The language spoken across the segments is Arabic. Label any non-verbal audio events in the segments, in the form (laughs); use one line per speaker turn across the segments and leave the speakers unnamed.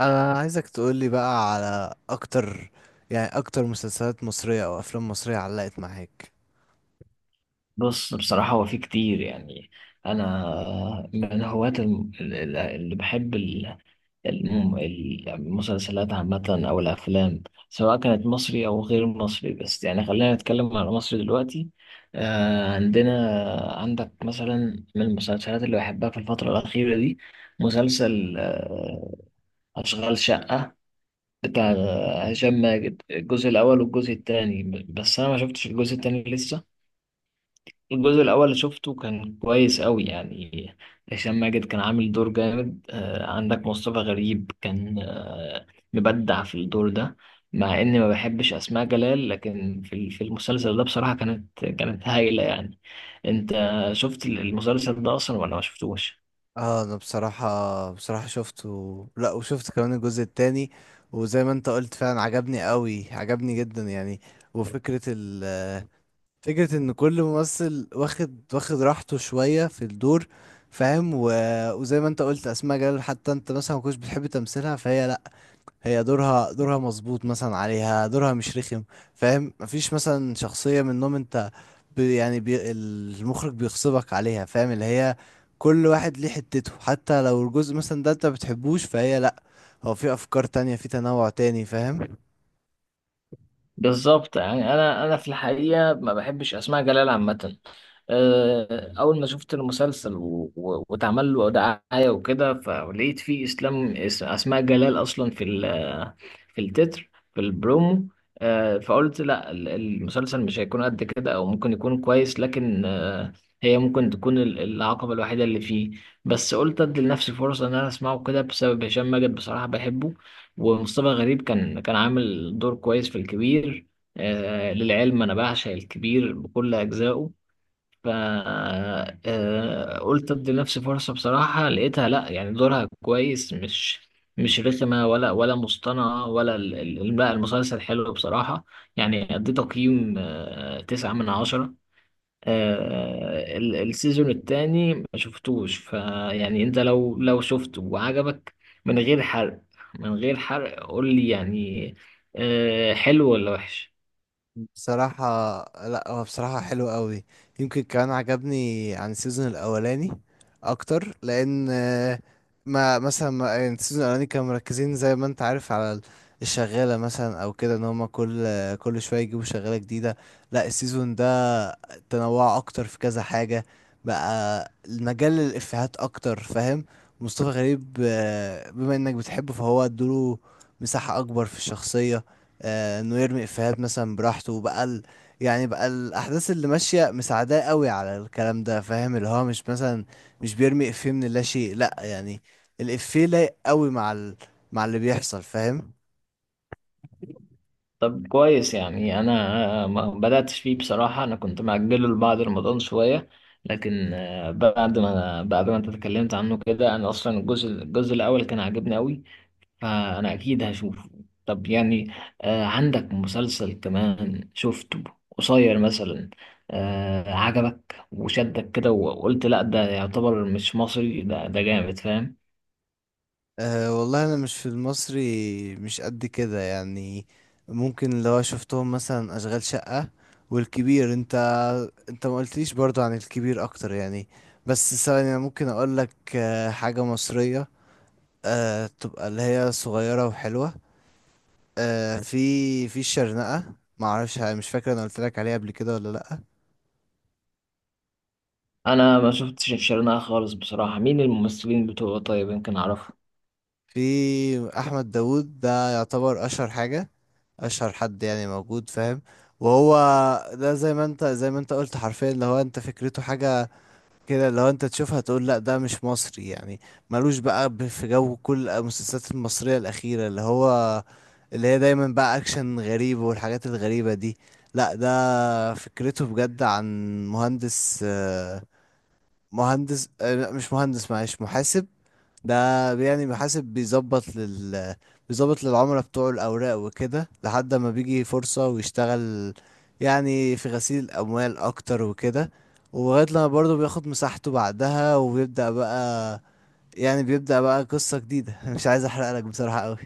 انا عايزك تقولي بقى على اكتر، يعني اكتر مسلسلات مصرية او افلام مصرية علقت معاك.
بص بصراحة هو في كتير يعني. أنا من هواة اللي بحب الم- المسلسلات عامة أو الأفلام، سواء كانت مصري أو غير مصري. بس يعني خلينا نتكلم على مصر دلوقتي. آه، عندنا عندك مثلا من المسلسلات اللي بحبها في الفترة الأخيرة دي مسلسل أشغال شقة بتاع هشام ماجد، الجزء الأول والجزء التاني. بس أنا ما شفتش الجزء التاني لسه. الجزء الأول اللي شفته كان كويس أوي يعني. هشام ماجد كان عامل دور جامد. آه، عندك مصطفى غريب كان مبدع في الدور ده. مع إني ما بحبش أسماء جلال، لكن في في المسلسل ده بصراحة كانت هايلة يعني. أنت شفت المسلسل ده أصلا ولا ما شفتوش؟
اه، انا بصراحة شفته، لا وشفت كمان الجزء التاني. وزي ما انت قلت فعلا، عجبني قوي، عجبني جدا يعني. وفكرة ال فكرة ان كل ممثل واخد راحته شوية في الدور، فاهم وزي ما انت قلت، اسماء جلال حتى انت مثلا ما كنتش بتحب تمثيلها، فهي، لا، هي دورها مظبوط، مثلا عليها دورها مش رخم، فاهم. مفيش مثلا شخصية منهم، انت بي المخرج بيغصبك عليها، فاهم اللي هي. كل واحد ليه حتته، حتى لو الجزء مثلا ده انت بتحبوش، فهي، لا، هو في افكار تانية، في تنوع تاني، فاهم.
بالظبط. يعني انا في الحقيقه ما بحبش اسماء جلال عامه. أه، اول ما شفت المسلسل واتعمل له دعايه وكده، فلقيت فيه اسماء جلال اصلا في في التتر في البرومو. أه، فقلت لا المسلسل مش هيكون قد كده، او ممكن يكون كويس، لكن أه، هي ممكن تكون العقبه الوحيده اللي فيه. بس قلت ادي لنفسي فرصه ان انا اسمعه كده بسبب هشام ماجد، بصراحه بحبه. ومصطفى غريب كان عامل دور كويس في الكبير. آه، للعلم انا بعشق الكبير بكل اجزائه. ف آه قلت ادي لنفسي فرصة. بصراحة لقيتها لا، يعني دورها كويس، مش مش رخمة ولا مصطنعة ولا لا، المسلسل حلو بصراحة. يعني ادي تقييم آه تسعة من عشرة. آه، السيزون التاني ما شفتوش، فيعني انت لو شفته وعجبك، من غير حرق، من غير حرق قول لي يعني آه، حلو ولا وحش.
بصراحة، لا، هو بصراحة حلو قوي. يمكن كمان عجبني عن السيزون الأولاني أكتر لأن ما مثلا ما يعني السيزون الأولاني كانوا مركزين زي ما أنت عارف على الشغالة مثلا أو كده، إن هما كل شوية يجيبوا شغالة جديدة. لا، السيزون ده تنوع أكتر في كذا حاجة، بقى المجال للإفيهات أكتر، فاهم. مصطفى غريب بما إنك بتحبه، فهو ادوله مساحة أكبر في الشخصية. انه يرمي افيهات مثلا براحته بقى يعني بقى الاحداث اللي ماشيه مساعداه قوي على الكلام ده، فاهم اللي هو مش مثلا مش بيرمي افيه من لا شيء، لا يعني. الافيه لايق قوي مع اللي بيحصل، فاهم.
طب كويس، يعني انا ما بدأتش فيه بصراحة. انا كنت مأجله لبعد رمضان شوية، لكن آه، بعد ما انت اتكلمت عنه كده، انا اصلا الجزء الاول كان عاجبني قوي، فأنا أكيد هشوفه. طب يعني آه، عندك مسلسل كمان شفته قصير مثلا، آه، عجبك وشدك كده وقلت لأ ده يعتبر مش مصري، ده جامد فاهم؟
أه والله، انا مش في المصري، مش قد كده يعني. ممكن لو شفتهم مثلا اشغال شقه والكبير. انت ما قلتليش برضو عن الكبير اكتر يعني، بس ثواني، انا ممكن اقول لك حاجه مصريه، تبقى اللي هي صغيرة وحلوة. في الشرنقة، معرفش، مش فاكر انا قلت لك عليها قبل كده ولا لأ.
أنا ما شفتش الشرنقة خالص بصراحة. مين الممثلين بتوعه؟ طيب يمكن أعرفه.
في أحمد داوود، ده يعتبر أشهر حاجة، أشهر حد يعني موجود، فاهم. وهو ده زي ما انت قلت حرفيا، اللي هو انت فكرته حاجة كده لو انت تشوفها تقول لا ده مش مصري يعني، ملوش بقى في جو كل المسلسلات المصرية الأخيرة، اللي هي دايما بقى أكشن غريب والحاجات الغريبة دي. لا، ده فكرته بجد عن مهندس، مهندس، لا مش مهندس، معلش، محاسب. ده، يعني محاسب بيظبط للعملاء بتوعه الأوراق وكده، لحد ما بيجي فرصة ويشتغل، يعني في غسيل الأموال أكتر وكده. ولغاية لما برضه بياخد مساحته بعدها، وبيبدأ بقى يعني بيبدأ بقى قصة جديدة (laughs) مش عايز أحرقلك بصراحة أوي.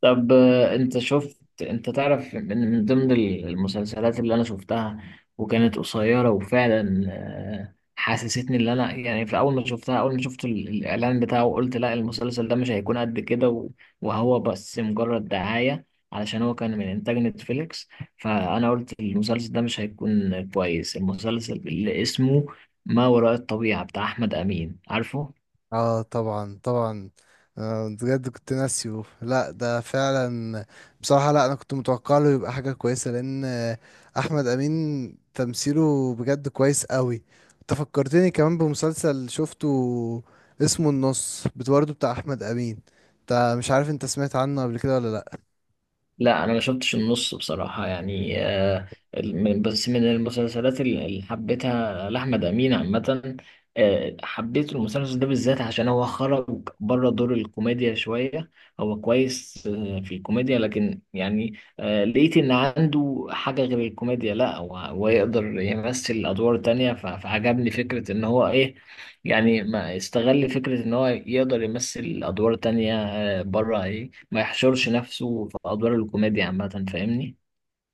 طب آه، انت شفت، انت تعرف من ضمن المسلسلات اللي انا شفتها وكانت قصيرة وفعلا آه، حسستني اللي انا يعني في اول ما شفتها، اول ما شفت الاعلان بتاعه قلت لا المسلسل ده مش هيكون قد كده، وهو بس مجرد دعاية، علشان هو كان من انتاج نتفليكس، فانا قلت المسلسل ده مش هيكون كويس. المسلسل اللي اسمه ما وراء الطبيعة بتاع احمد امين، عارفه؟
اه، طبعا طبعا، بجد كنت ناسيه، لا ده فعلا. بصراحة، لا، انا كنت متوقع له يبقى حاجة كويسة لان احمد امين تمثيله بجد كويس قوي. انت فكرتني كمان بمسلسل شفته اسمه النص، برضه بتاع احمد امين. انت مش عارف، انت سمعت عنه قبل كده ولا لا؟
لا انا ما شفتش النص بصراحه. يعني آه، بس من المسلسلات اللي حبيتها لاحمد امين عامه، آه، حبيت المسلسل ده بالذات عشان هو خرج بره دور الكوميديا شويه. هو كويس آه، في الكوميديا، لكن يعني آه، لقيت ان عنده حاجه غير الكوميديا. لا، هو يقدر يمثل ادوار تانية، فعجبني فكره ان هو ايه، يعني ما استغل فكره ان هو يقدر يمثل ادوار تانية آه، بره، ما يحشرش نفسه في أدوار الكوميديا عامة، فاهمني؟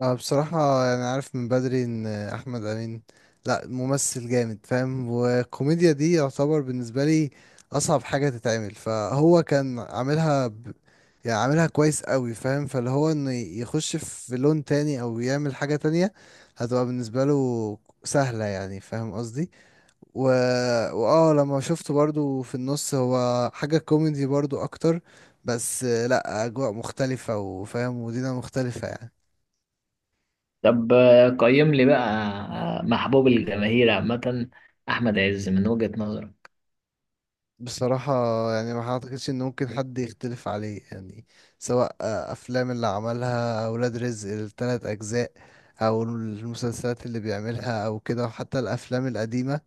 أنا بصراحة، يعني عارف من بدري إن أحمد أمين، لأ ممثل جامد، فاهم، والكوميديا دي يعتبر بالنسبة لي أصعب حاجة تتعمل، فهو كان عاملها يعني عاملها كويس قوي، فاهم، فاللي هو إنه يخش في لون تاني أو يعمل حاجة تانية هتبقى بالنسبة له سهلة يعني، فاهم قصدي، و لما شفته برضو في النص، هو حاجة كوميدي برضو أكتر، بس لأ، أجواء مختلفة، وفاهم، ودينا مختلفة يعني.
طب آه، قيم لي بقى آه، محبوب الجماهير عامة أحمد عز من وجهة نظرك.
بصراحة يعني، ما اعتقدش ان ممكن حد يختلف عليه يعني. سواء افلام اللي عملها اولاد رزق الثلاث اجزاء، او المسلسلات اللي بيعملها او كده، وحتى الافلام القديمة،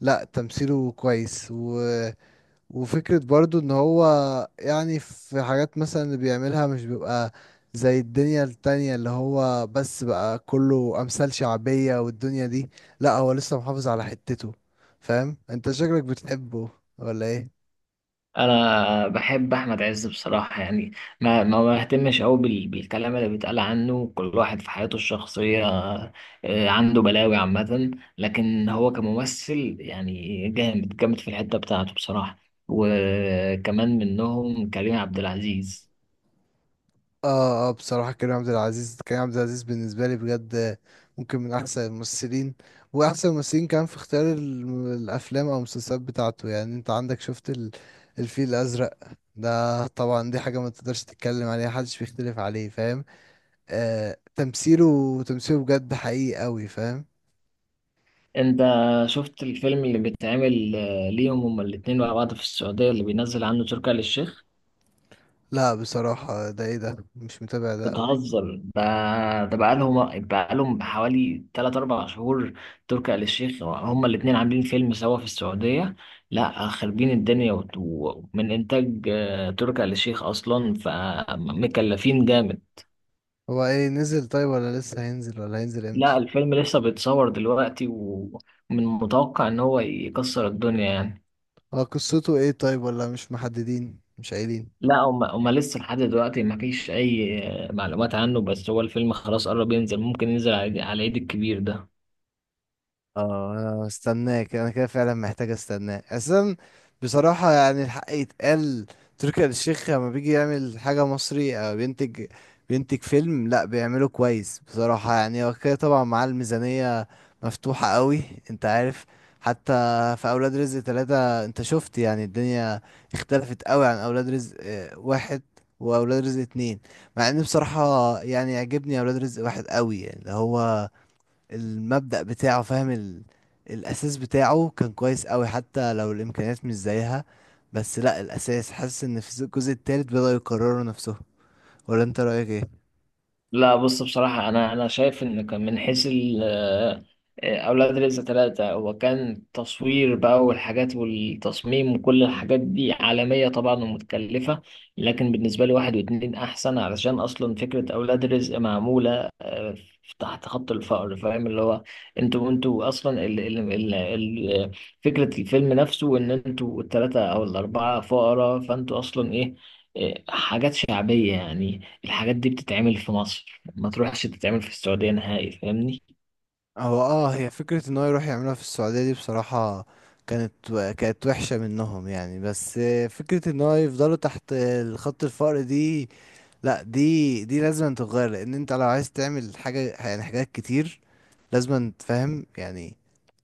لا تمثيله كويس، و... وفكرة برضو ان هو، يعني في حاجات مثلا اللي بيعملها مش بيبقى زي الدنيا التانية اللي هو بس بقى كله امثال شعبية والدنيا دي. لا، هو لسه محافظ على حتته. فاهم؟ انت شكلك بتحبه ولا ايه؟
أنا بحب أحمد عز بصراحة يعني، ما بهتمش أوي بالكلام اللي بيتقال عنه. كل واحد في حياته الشخصية آه، عنده بلاوي عامة، لكن هو كممثل يعني جامد جامد في الحتة بتاعته بصراحة. وكمان منهم كريم عبد العزيز.
اه، اه، بصراحة كريم عبد العزيز، كريم عبد العزيز بالنسبة لي بجد ممكن من أحسن الممثلين، وأحسن الممثلين كان في اختيار الأفلام أو المسلسلات بتاعته. يعني أنت عندك، شفت الفيل الأزرق، ده طبعا دي حاجة ما تقدرش تتكلم عليها، محدش بيختلف عليه، فاهم. تمثيله بجد حقيقي أوي، فاهم.
انت شفت الفيلم اللي بيتعمل آه، ليهم هما الاتنين مع بعض في السعودية، اللي بينزل عنه تركي آل الشيخ؟
لا بصراحة، ده ايه ده، مش متابع ده أوي.
بتهزر؟ ده بقالهم حوالي 3 4 شهور. تركي آل الشيخ، هما الاتنين عاملين فيلم سوا في السعودية. لا، خربين الدنيا، ومن انتاج آه، تركي آل الشيخ اصلا، فمكلفين جامد.
هو ايه، نزل طيب، ولا لسه هينزل، ولا هينزل
لا
امتى؟
الفيلم لسه بيتصور دلوقتي، ومن متوقع ان هو يكسر الدنيا يعني.
هو قصته ايه طيب، ولا مش محددين، مش قايلين؟
لا، هم لسه لحد دلوقتي ما فيش اي معلومات عنه، بس هو الفيلم خلاص قرب ينزل، ممكن ينزل على عيد، على عيد الكبير ده.
اه، انا مستناك، انا كده فعلا محتاج استناك اصلا. بصراحة يعني، الحق يتقال. تركي آل الشيخ لما بيجي يعمل حاجة مصري، او بينتج فيلم، لا بيعمله كويس بصراحة يعني. هو كده طبعا، مع الميزانية مفتوحة قوي. انت عارف، حتى في اولاد رزق ثلاثة، انت شفت يعني الدنيا اختلفت قوي عن اولاد رزق واحد، واولاد رزق اتنين. مع ان بصراحة يعني، يعجبني اولاد رزق واحد قوي يعني، اللي هو المبدأ بتاعه، فاهم الأساس بتاعه كان كويس قوي، حتى لو الإمكانيات مش زيها. بس لا، الأساس حاسس إن في الجزء التالت بدأوا يكرروا نفسهم، ولا أنت رأيك إيه؟
لا بص بصراحة أنا شايف إن كان من حيث ال آه، أولاد رزق ثلاثة، هو كان تصوير بقى والحاجات والتصميم وكل الحاجات دي عالمية طبعا ومتكلفة، لكن بالنسبة لي واحد واتنين أحسن، علشان أصلا فكرة أولاد رزق معمولة آه، تحت خط الفقر، فاهم اللي هو انتوا أصلا ال ال ال ال فكرة الفيلم نفسه إن انتوا الثلاثة أو الأربعة فقراء، فانتوا أصلا إيه آه، حاجات شعبية يعني. الحاجات دي بتتعمل في مصر، ما تروحش تتعمل في السعودية نهائي، فاهمني؟
هو اه هي فكرة إن هو يروح يعملها في السعودية، دي بصراحة كانت كانت وحشة منهم يعني، بس فكرة إن هو يفضلوا تحت خط الفقر دي، لا، دي لازم تتغير، لأن أنت لو عايز تعمل حاجة، يعني حاجات كتير، لازم تفهم يعني،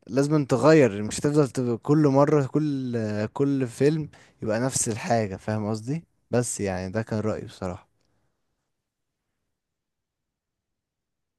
لازم تغير، مش تفضل تبقى كل مرة، كل فيلم يبقى نفس الحاجة، فاهم قصدي. بس يعني ده كان رأيي بصراحة.